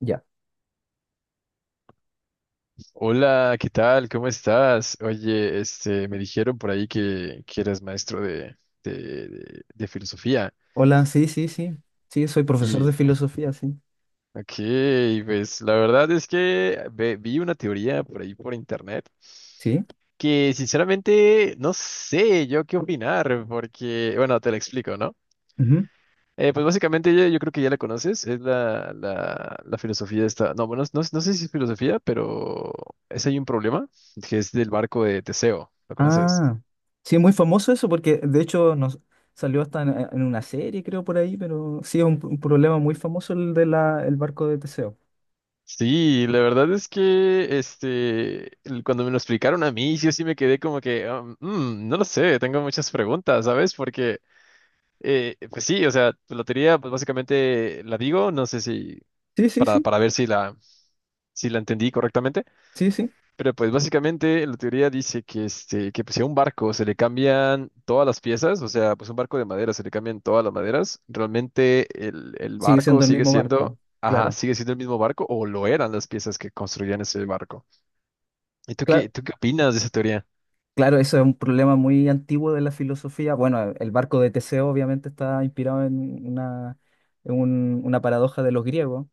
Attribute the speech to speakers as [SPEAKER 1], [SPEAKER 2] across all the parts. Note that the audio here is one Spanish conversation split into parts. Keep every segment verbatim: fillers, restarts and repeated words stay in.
[SPEAKER 1] Ya.
[SPEAKER 2] Hola, ¿qué tal? ¿Cómo estás? Oye, este, me dijeron por ahí que, que eres maestro de, de, de- de filosofía.
[SPEAKER 1] Hola, sí, sí, sí. Sí, soy profesor de
[SPEAKER 2] Y,
[SPEAKER 1] filosofía, sí.
[SPEAKER 2] ok, pues la verdad es que ve- vi una teoría por ahí por internet
[SPEAKER 1] Sí.
[SPEAKER 2] que sinceramente no sé yo qué opinar, porque, bueno, te la explico, ¿no?
[SPEAKER 1] Ujú.
[SPEAKER 2] Eh, pues básicamente yo, yo creo que ya la conoces, es la, la, la filosofía esta, no, bueno, no, no sé si es filosofía, pero es ahí un problema, que es del barco de Teseo, ¿lo conoces?
[SPEAKER 1] Ah, sí, muy famoso eso porque de hecho nos salió hasta en, eh, en una serie, creo, por ahí, pero sí es un, un problema muy famoso el de la, el barco de Teseo.
[SPEAKER 2] Sí, la verdad es que este, el- cuando me lo explicaron a mí, yo sí me quedé como que, um, mm, no lo sé, tengo muchas preguntas, ¿sabes? Porque, eh, pues sí, o sea, tu lotería, pues básicamente la digo, no sé si,
[SPEAKER 1] Sí, sí,
[SPEAKER 2] para,
[SPEAKER 1] sí,
[SPEAKER 2] para ver si la, si la entendí correctamente,
[SPEAKER 1] sí, sí.
[SPEAKER 2] pero pues básicamente la teoría dice que, este, que pues, si a un barco se le cambian todas las piezas, o sea, pues un barco de madera se le cambian todas las maderas, realmente el, el
[SPEAKER 1] Sigue
[SPEAKER 2] barco
[SPEAKER 1] siendo el
[SPEAKER 2] sigue
[SPEAKER 1] mismo barco,
[SPEAKER 2] siendo, ajá,
[SPEAKER 1] claro.
[SPEAKER 2] sigue siendo el mismo barco o lo eran las piezas que construían ese barco. ¿Y tú qué,
[SPEAKER 1] Claro,
[SPEAKER 2] tú qué opinas de esa teoría?
[SPEAKER 1] claro, eso es un problema muy antiguo de la filosofía. Bueno, eh, el barco de Teseo obviamente está inspirado en una, en un- una paradoja de los griegos.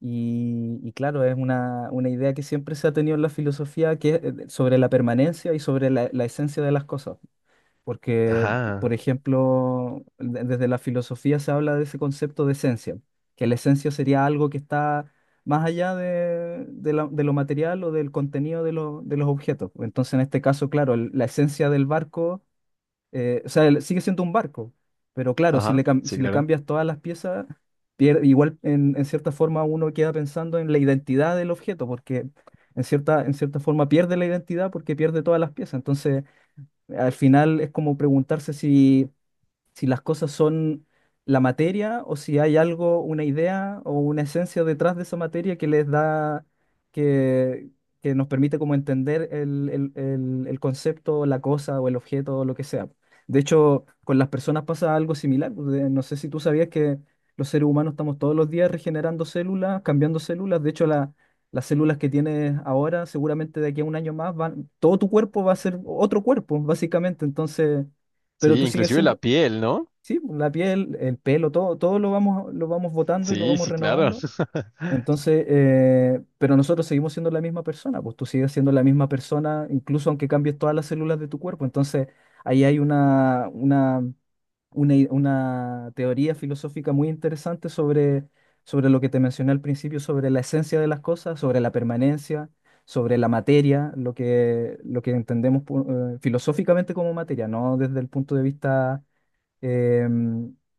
[SPEAKER 1] Y, y claro, es una, una idea que siempre se ha tenido en la filosofía que es eh, sobre la permanencia y sobre la, la esencia de las cosas. Porque, por
[SPEAKER 2] Ajá,
[SPEAKER 1] ejemplo, de- desde la filosofía se habla de ese concepto de esencia, que la esencia sería algo que está más allá de, de la- de lo material o del contenido de, lo- de los objetos. Entonces, en este caso, claro, el- la esencia del barco eh, o sea, el- sigue siendo un barco, pero claro, si le,
[SPEAKER 2] ajá,
[SPEAKER 1] cam-
[SPEAKER 2] sí,
[SPEAKER 1] si le
[SPEAKER 2] claro.
[SPEAKER 1] cambias todas las piezas, pier- igual en, en cierta forma uno queda pensando en la identidad del objeto, porque en cierta, en cierta forma pierde la identidad porque pierde todas las piezas. Entonces, al final es como preguntarse si si las cosas son la materia o si hay algo, una idea o una esencia detrás de esa materia que les da, que, que nos permite como entender el, el, el, el concepto, la cosa o el objeto o lo que sea. De hecho, con las personas pasa algo similar, pues. De- No sé si tú sabías que los seres humanos estamos todos los días regenerando células, cambiando células. De hecho, la- las células que tienes ahora, seguramente de aquí a un año más, van, todo tu cuerpo va a ser otro cuerpo, básicamente. Entonces, pero
[SPEAKER 2] Sí,
[SPEAKER 1] tú sigues
[SPEAKER 2] inclusive la
[SPEAKER 1] siendo...
[SPEAKER 2] piel, ¿no?
[SPEAKER 1] Sí, pues, la piel, el pelo, todo, todo lo vamos, lo vamos botando y lo
[SPEAKER 2] Sí,
[SPEAKER 1] vamos
[SPEAKER 2] sí, claro.
[SPEAKER 1] renovando. Entonces, eh, pero nosotros seguimos siendo la misma persona, pues tú sigues siendo la misma persona, incluso aunque cambies todas las células de tu cuerpo. Entonces, ahí hay una, una, una, i- una teoría filosófica muy interesante sobre, sobre lo que te mencioné al principio, sobre la esencia de las cosas, sobre la permanencia, sobre la materia, lo que, lo que entendemos pu- eh, filosóficamente como materia, no desde el punto de vista eh,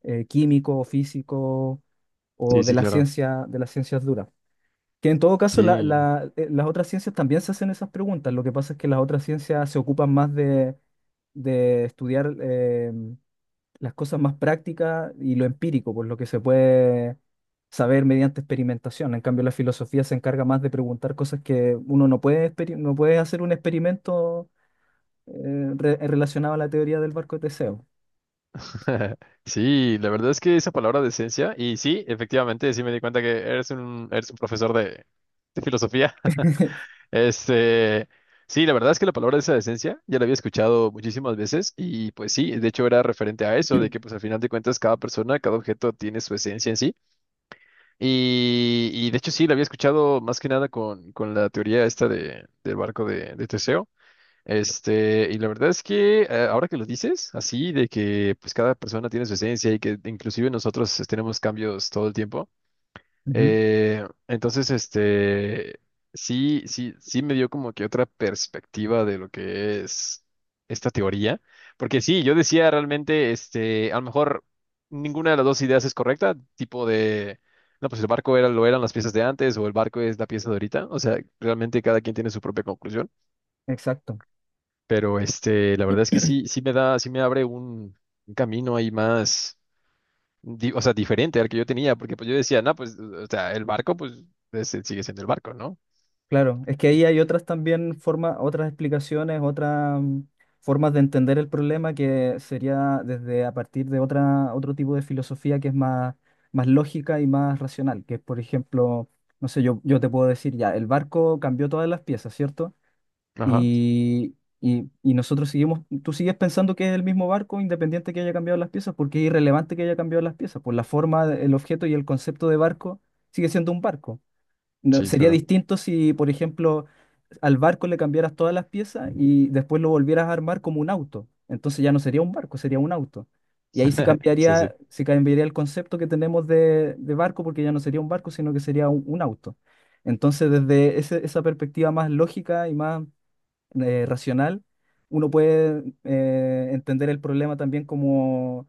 [SPEAKER 1] eh, químico, físico o
[SPEAKER 2] Sí,
[SPEAKER 1] de
[SPEAKER 2] sí,
[SPEAKER 1] la
[SPEAKER 2] claro.
[SPEAKER 1] ciencia, de las ciencias duras. Que en todo caso la-
[SPEAKER 2] Sí.
[SPEAKER 1] la- eh, las otras ciencias también se hacen esas preguntas. Lo que pasa es que las otras ciencias se ocupan más de, de estudiar eh, las cosas más prácticas y lo empírico, pues lo que se puede saber mediante experimentación. En cambio, la filosofía se encarga más de preguntar cosas que uno no puede, experi- no puede hacer un experimento eh, re- relacionado a la teoría del barco de Teseo.
[SPEAKER 2] Sí, la verdad es que esa palabra decencia, y sí, efectivamente, sí me di cuenta que eres un, eres un profesor de, de filosofía. Este, sí, la verdad es que la palabra esa decencia ya la había escuchado muchísimas veces y pues sí, de hecho era referente a eso, de que pues al final de cuentas cada persona, cada objeto tiene su esencia en sí. Y, y de hecho sí, la había escuchado más que nada con, con la teoría esta de, del barco de, de Teseo. Este, y la verdad es que eh, ahora que lo dices, así de que pues cada persona tiene su esencia y que inclusive nosotros eh, tenemos cambios todo el tiempo,
[SPEAKER 1] Ujú.
[SPEAKER 2] eh, entonces este, sí, sí, sí me dio como que otra perspectiva de lo que es esta teoría, porque sí, yo decía realmente, este, a lo mejor ninguna de las dos ideas es correcta, tipo de, no, pues el barco era, lo eran las piezas de antes o el barco es la pieza de ahorita, o sea, realmente cada quien tiene su propia conclusión.
[SPEAKER 1] Exacto.
[SPEAKER 2] Pero este, la verdad es que sí, sí me da, sí me abre un, un camino ahí más, di- o sea, diferente al que yo tenía, porque pues yo decía, no, pues, o sea, el barco, pues, ese sigue siendo el barco, ¿no?
[SPEAKER 1] Claro, es que
[SPEAKER 2] Y-
[SPEAKER 1] ahí hay otras también formas, otras explicaciones, otras mm, formas de entender el problema que sería desde a partir de otra, otro tipo de filosofía que es más, más lógica y más racional, que es, por ejemplo, no sé, yo, yo te puedo decir ya, el barco cambió todas las piezas, ¿cierto?
[SPEAKER 2] Ajá,
[SPEAKER 1] Y, y, y nosotros seguimos, tú sigues pensando que es el mismo barco independiente que haya cambiado las piezas, porque es irrelevante que haya cambiado las piezas, por la forma, el objeto y el concepto de barco sigue siendo un barco. No,
[SPEAKER 2] sí,
[SPEAKER 1] sería
[SPEAKER 2] claro,
[SPEAKER 1] distinto si, por ejemplo, al barco le cambiaras todas las piezas y después lo volvieras a armar como un auto. Entonces ya no sería un barco, sería un auto. Y ahí sí
[SPEAKER 2] sí, sí,
[SPEAKER 1] cambiaría, sí cambiaría el concepto que tenemos de, de barco, porque ya no sería un barco, sino que sería un, un auto. Entonces, desde ese- esa perspectiva más lógica y más eh, racional, uno puede eh, entender el problema también como,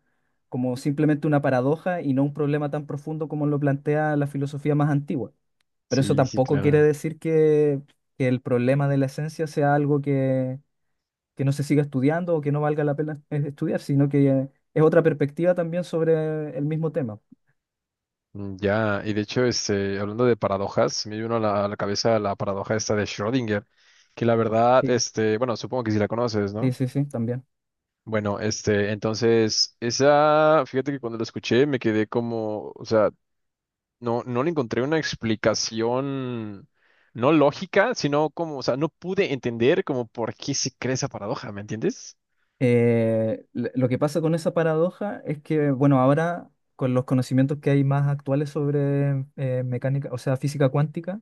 [SPEAKER 1] como simplemente una paradoja y no un problema tan profundo como lo plantea la filosofía más antigua. Pero eso
[SPEAKER 2] sí, sí,
[SPEAKER 1] tampoco quiere
[SPEAKER 2] claro.
[SPEAKER 1] decir que, que el problema de la esencia sea algo que, que no se siga estudiando o que no valga la pena es- estudiar, sino que eh, es otra perspectiva también sobre el mismo tema.
[SPEAKER 2] Mm, ya, y de hecho, este, hablando de paradojas, me vino a la, a la cabeza la paradoja esta de Schrödinger, que la verdad,
[SPEAKER 1] Sí,
[SPEAKER 2] este, bueno, supongo que sí la conoces,
[SPEAKER 1] sí,
[SPEAKER 2] ¿no?
[SPEAKER 1] sí, sí, también.
[SPEAKER 2] Bueno, este, entonces, esa, fíjate que cuando la escuché me quedé como, o sea, no, no le encontré una explicación, no lógica, sino como, o sea, no pude entender como por qué se crea esa paradoja, ¿me entiendes?
[SPEAKER 1] Eh, l- lo que pasa con esa paradoja es que, bueno, ahora con los conocimientos que hay más actuales sobre eh, mecánica, o sea, física cuántica,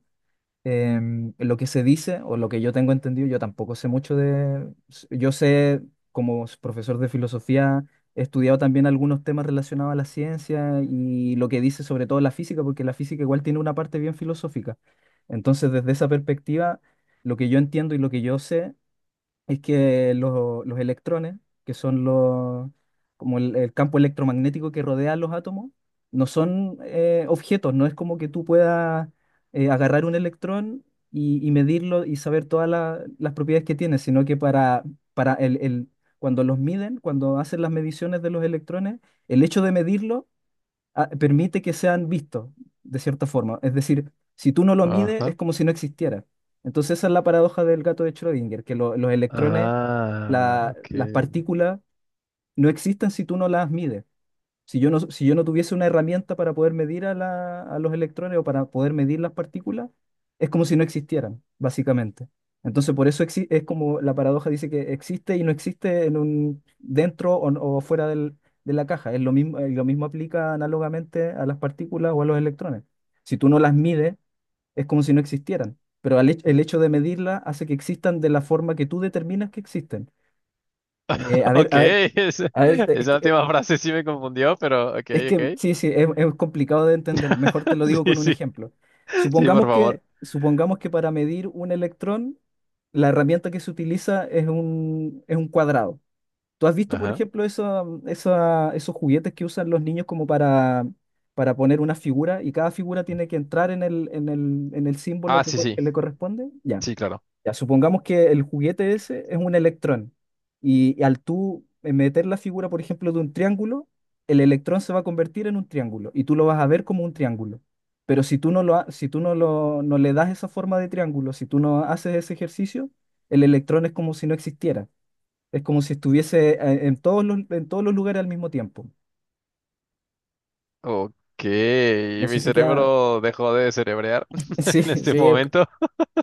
[SPEAKER 1] em, lo que se dice o lo que yo tengo entendido, yo tampoco sé mucho de... Yo sé, como s- profesor de filosofía, he estudiado también algunos temas relacionados a la ciencia y lo que dice sobre todo la física, porque la física igual tiene una parte bien filosófica. Entonces, desde esa perspectiva, lo que yo entiendo y lo que yo sé es que lo- los electrones, que son los, como el, el campo electromagnético que rodea a los átomos, no son eh, objetos, no es como que tú puedas eh, agarrar un electrón y, y medirlo y saber todas la- las propiedades que tiene, sino que para, para el, el- cuando los miden, cuando hacen las mediciones de los electrones, el hecho de medirlo ah, permite que sean vistos, de cierta forma. Es decir, si tú no lo mides, es
[SPEAKER 2] Ajá.
[SPEAKER 1] como si no existiera. Entonces esa es la paradoja del gato de Schrödinger, que lo- los electrones,
[SPEAKER 2] Ah,
[SPEAKER 1] la-
[SPEAKER 2] ok.
[SPEAKER 1] las partículas, no existen si tú no las mides. Si yo no, si yo no tuviese una herramienta para poder medir a, la- a los electrones o para poder medir las partículas, es como si no existieran, básicamente. Entonces, por eso exi- es como la paradoja dice que existe y no existe en un, dentro o, o fuera del- de la caja. Es lo mismo, eh, lo mismo aplica análogamente a las partículas o a los electrones. Si tú no las mides, es como si no existieran. Pero al hech- el hecho de medirlas hace que existan de la forma que tú determinas que existen. Eh, a ver,
[SPEAKER 2] Ok,
[SPEAKER 1] a ver.
[SPEAKER 2] esa,
[SPEAKER 1] A ver, es
[SPEAKER 2] esa
[SPEAKER 1] que...
[SPEAKER 2] última frase sí me confundió, pero ok,
[SPEAKER 1] Es que
[SPEAKER 2] ok.
[SPEAKER 1] sí, sí, es, es complicado de entender. Mejor te lo digo
[SPEAKER 2] Sí,
[SPEAKER 1] con un
[SPEAKER 2] sí,
[SPEAKER 1] ejemplo.
[SPEAKER 2] sí, por
[SPEAKER 1] Supongamos que,
[SPEAKER 2] favor.
[SPEAKER 1] supongamos que para medir un electrón, la herramienta que se utiliza es un, es un cuadrado. ¿Tú has visto, por
[SPEAKER 2] Ajá.
[SPEAKER 1] ejemplo, eso- esa- esos juguetes que usan los niños como para, para poner una figura y cada figura tiene que entrar en el, en el, en el símbolo
[SPEAKER 2] Ah,
[SPEAKER 1] que,
[SPEAKER 2] sí,
[SPEAKER 1] co-
[SPEAKER 2] sí,
[SPEAKER 1] que le corresponde? Ya.
[SPEAKER 2] sí, claro.
[SPEAKER 1] Ya, supongamos que el juguete ese es un electrón y, y al tú eh, meter la figura, por ejemplo, de un triángulo, el electrón se va a convertir en un triángulo y tú lo vas a ver como un triángulo. Pero si tú no lo, ha- si tú no lo, no le das esa forma de triángulo, si tú no haces ese ejercicio, el electrón es como si no existiera. Es como si estuviese eh, en todos los, en todos los lugares al mismo tiempo.
[SPEAKER 2] Ok,
[SPEAKER 1] No sé
[SPEAKER 2] mi
[SPEAKER 1] si queda...
[SPEAKER 2] cerebro dejó de cerebrear
[SPEAKER 1] Sí,
[SPEAKER 2] en este
[SPEAKER 1] sí.
[SPEAKER 2] momento.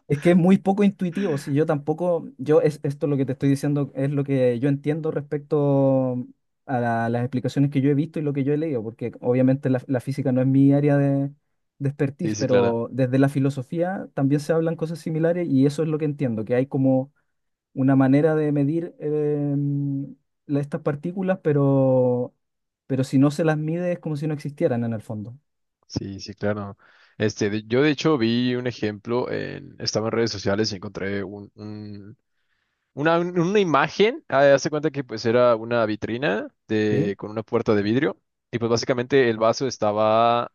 [SPEAKER 1] Es que es muy poco intuitivo, si yo tampoco, yo es, esto lo que te estoy diciendo es lo que yo entiendo respecto a la- las explicaciones que yo he visto y lo que yo he leído, porque obviamente la, la física no es mi área de, de
[SPEAKER 2] Sí,
[SPEAKER 1] expertise,
[SPEAKER 2] sí, claro.
[SPEAKER 1] pero desde la filosofía también se hablan cosas similares y eso es lo que entiendo, que hay como una manera de medir eh, la- estas partículas, pero, pero si no se las mide es como si no existieran en el fondo.
[SPEAKER 2] Sí, sí, claro. Este, de- yo de hecho vi un ejemplo en, estaba en redes sociales y encontré un, un- una, un- una imagen. Ah, hace cuenta que pues era una vitrina
[SPEAKER 1] ¿Sí?
[SPEAKER 2] de, con una puerta de vidrio. Y pues básicamente el vaso estaba,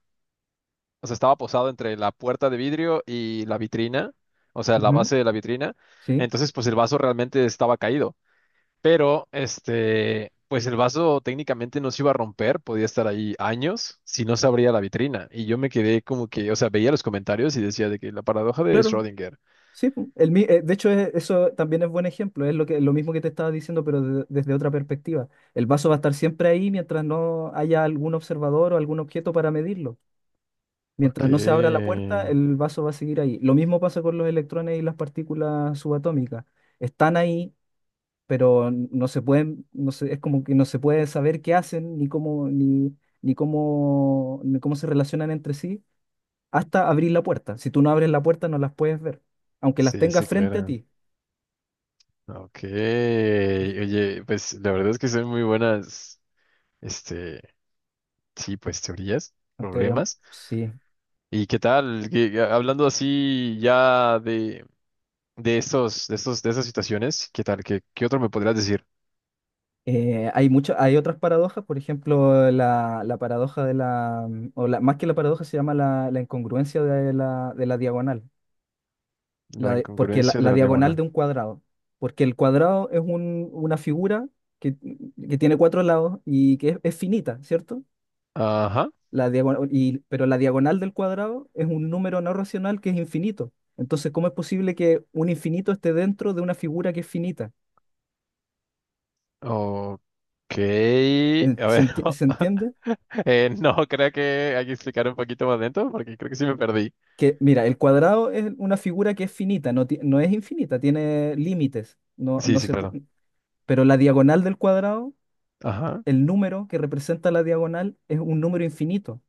[SPEAKER 2] o sea, estaba posado entre la puerta de vidrio y la vitrina, o sea, la
[SPEAKER 1] Ujú.
[SPEAKER 2] base de la vitrina.
[SPEAKER 1] Sí,
[SPEAKER 2] Entonces, pues el vaso realmente estaba caído. Pero, este, pues el vaso técnicamente no se iba a romper, podía estar ahí años si no se abría la vitrina. Y yo me quedé como que, o sea, veía los comentarios y decía de que la paradoja de
[SPEAKER 1] claro.
[SPEAKER 2] Schrödinger.
[SPEAKER 1] Sí, pu, el, mi- eh, de hecho es- eso también es buen ejemplo, es lo que, lo mismo que te estaba diciendo, pero de- desde otra perspectiva. El vaso va a estar siempre ahí mientras no haya algún observador o algún objeto para medirlo.
[SPEAKER 2] Ok,
[SPEAKER 1] Mientras no Mm. se abra la puerta, el vaso va a seguir ahí. Lo mismo pasa con los electrones y las partículas subatómicas. Están ahí, pero no se pueden, no se- es como que no se puede saber qué hacen, ni cómo, ni, ni cómo, ni cómo se relacionan entre sí, hasta abrir la puerta. Si tú no abres la puerta, no las puedes ver, aunque las
[SPEAKER 2] sí, sí,
[SPEAKER 1] tengas frente a
[SPEAKER 2] claro.
[SPEAKER 1] ti.
[SPEAKER 2] Ok, oye, pues la verdad es que son muy buenas, este, sí, pues teorías,
[SPEAKER 1] Anterior-
[SPEAKER 2] problemas.
[SPEAKER 1] sí.
[SPEAKER 2] ¿Y qué tal? Que, a- hablando así ya de, de estos, de estos, de esas situaciones, ¿qué tal? ¿Qué, qué otro me podrías decir?
[SPEAKER 1] Eh, hay mucho, hay otras paradojas, por ejemplo, la, la paradoja de la, mm, o la, más que la paradoja se llama la, la incongruencia de la, de la diagonal. La
[SPEAKER 2] La
[SPEAKER 1] de- porque la,
[SPEAKER 2] incongruencia de
[SPEAKER 1] la
[SPEAKER 2] la
[SPEAKER 1] diagonal de
[SPEAKER 2] diagonal.
[SPEAKER 1] un cuadrado, porque el cuadrado es un- una figura que, mm, que tiene cuatro lados y que es, es finita, ¿cierto?
[SPEAKER 2] Ajá.
[SPEAKER 1] La diagonal, y, pero la diagonal del cuadrado es un número no racional que es infinito. Entonces, ¿cómo es posible que un infinito esté dentro de una figura que es finita?
[SPEAKER 2] Ok.
[SPEAKER 1] Eh,
[SPEAKER 2] A
[SPEAKER 1] ¿Se
[SPEAKER 2] ver,
[SPEAKER 1] enti- se entiende?
[SPEAKER 2] eh, no, creo que hay que explicar un poquito más dentro porque creo que sí me perdí.
[SPEAKER 1] Que, mira, el cuadrado es una figura que es finita, no, ti- no es infinita, tiene límites. No,
[SPEAKER 2] Sí,
[SPEAKER 1] no
[SPEAKER 2] sí,
[SPEAKER 1] se
[SPEAKER 2] claro.
[SPEAKER 1] pu- pero la diagonal del cuadrado,
[SPEAKER 2] Ajá.
[SPEAKER 1] el número que representa la diagonal, es un número infinito.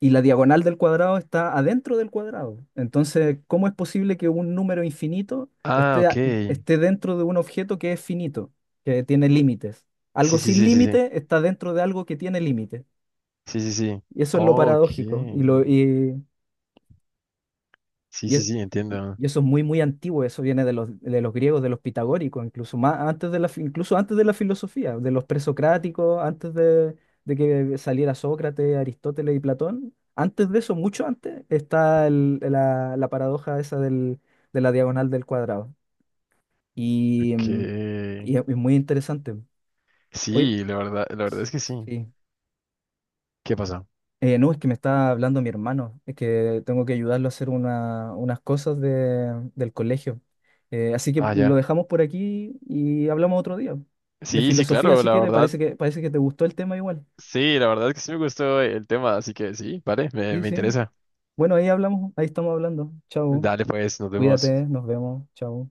[SPEAKER 1] Y la diagonal del cuadrado está adentro del cuadrado. Entonces, ¿cómo es posible que un número infinito
[SPEAKER 2] Ah,
[SPEAKER 1] esté,
[SPEAKER 2] ok.
[SPEAKER 1] a-
[SPEAKER 2] Sí,
[SPEAKER 1] esté dentro de un objeto que es finito, que tiene límites? Algo
[SPEAKER 2] sí, sí,
[SPEAKER 1] sin
[SPEAKER 2] sí, sí.
[SPEAKER 1] límite está dentro de algo que tiene límites.
[SPEAKER 2] Sí, sí, sí.
[SPEAKER 1] Y eso es lo
[SPEAKER 2] Ok.
[SPEAKER 1] paradójico.
[SPEAKER 2] Sí,
[SPEAKER 1] Y,
[SPEAKER 2] sí,
[SPEAKER 1] es-
[SPEAKER 2] sí,
[SPEAKER 1] y
[SPEAKER 2] entiendo.
[SPEAKER 1] y eso es muy, muy antiguo, eso viene de los, de los griegos, de los pitagóricos, incluso más antes de la, fi- incluso antes de la filosofía, de los presocráticos, antes de, de que saliera Sócrates, Aristóteles y Platón. Antes de eso, mucho antes, está el- la, la paradoja esa del, de la diagonal del cuadrado. Y,
[SPEAKER 2] Ok.
[SPEAKER 1] mm, y es y es muy interesante. Hoy,
[SPEAKER 2] Sí, la verdad, la verdad es que sí.
[SPEAKER 1] sí.
[SPEAKER 2] ¿Qué pasó?
[SPEAKER 1] Eh, no, es que me está hablando mi hermano, es que tengo que ayudarlo a hacer una- unas cosas de- del colegio. Eh, así que
[SPEAKER 2] Ah,
[SPEAKER 1] lo
[SPEAKER 2] ya.
[SPEAKER 1] dejamos por aquí y hablamos otro día. De
[SPEAKER 2] Sí, sí,
[SPEAKER 1] filosofía,
[SPEAKER 2] claro,
[SPEAKER 1] si
[SPEAKER 2] la
[SPEAKER 1] quieres,
[SPEAKER 2] verdad.
[SPEAKER 1] parece que, parece que te gustó el tema igual.
[SPEAKER 2] Sí, la verdad es que sí me gustó el tema, así que sí, vale, me,
[SPEAKER 1] Sí,
[SPEAKER 2] me
[SPEAKER 1] sí.
[SPEAKER 2] interesa.
[SPEAKER 1] Bueno, ahí hablamos, ahí estamos hablando. Chao.
[SPEAKER 2] Dale, pues, nos vemos.
[SPEAKER 1] Cuídate, nos vemos. Chao.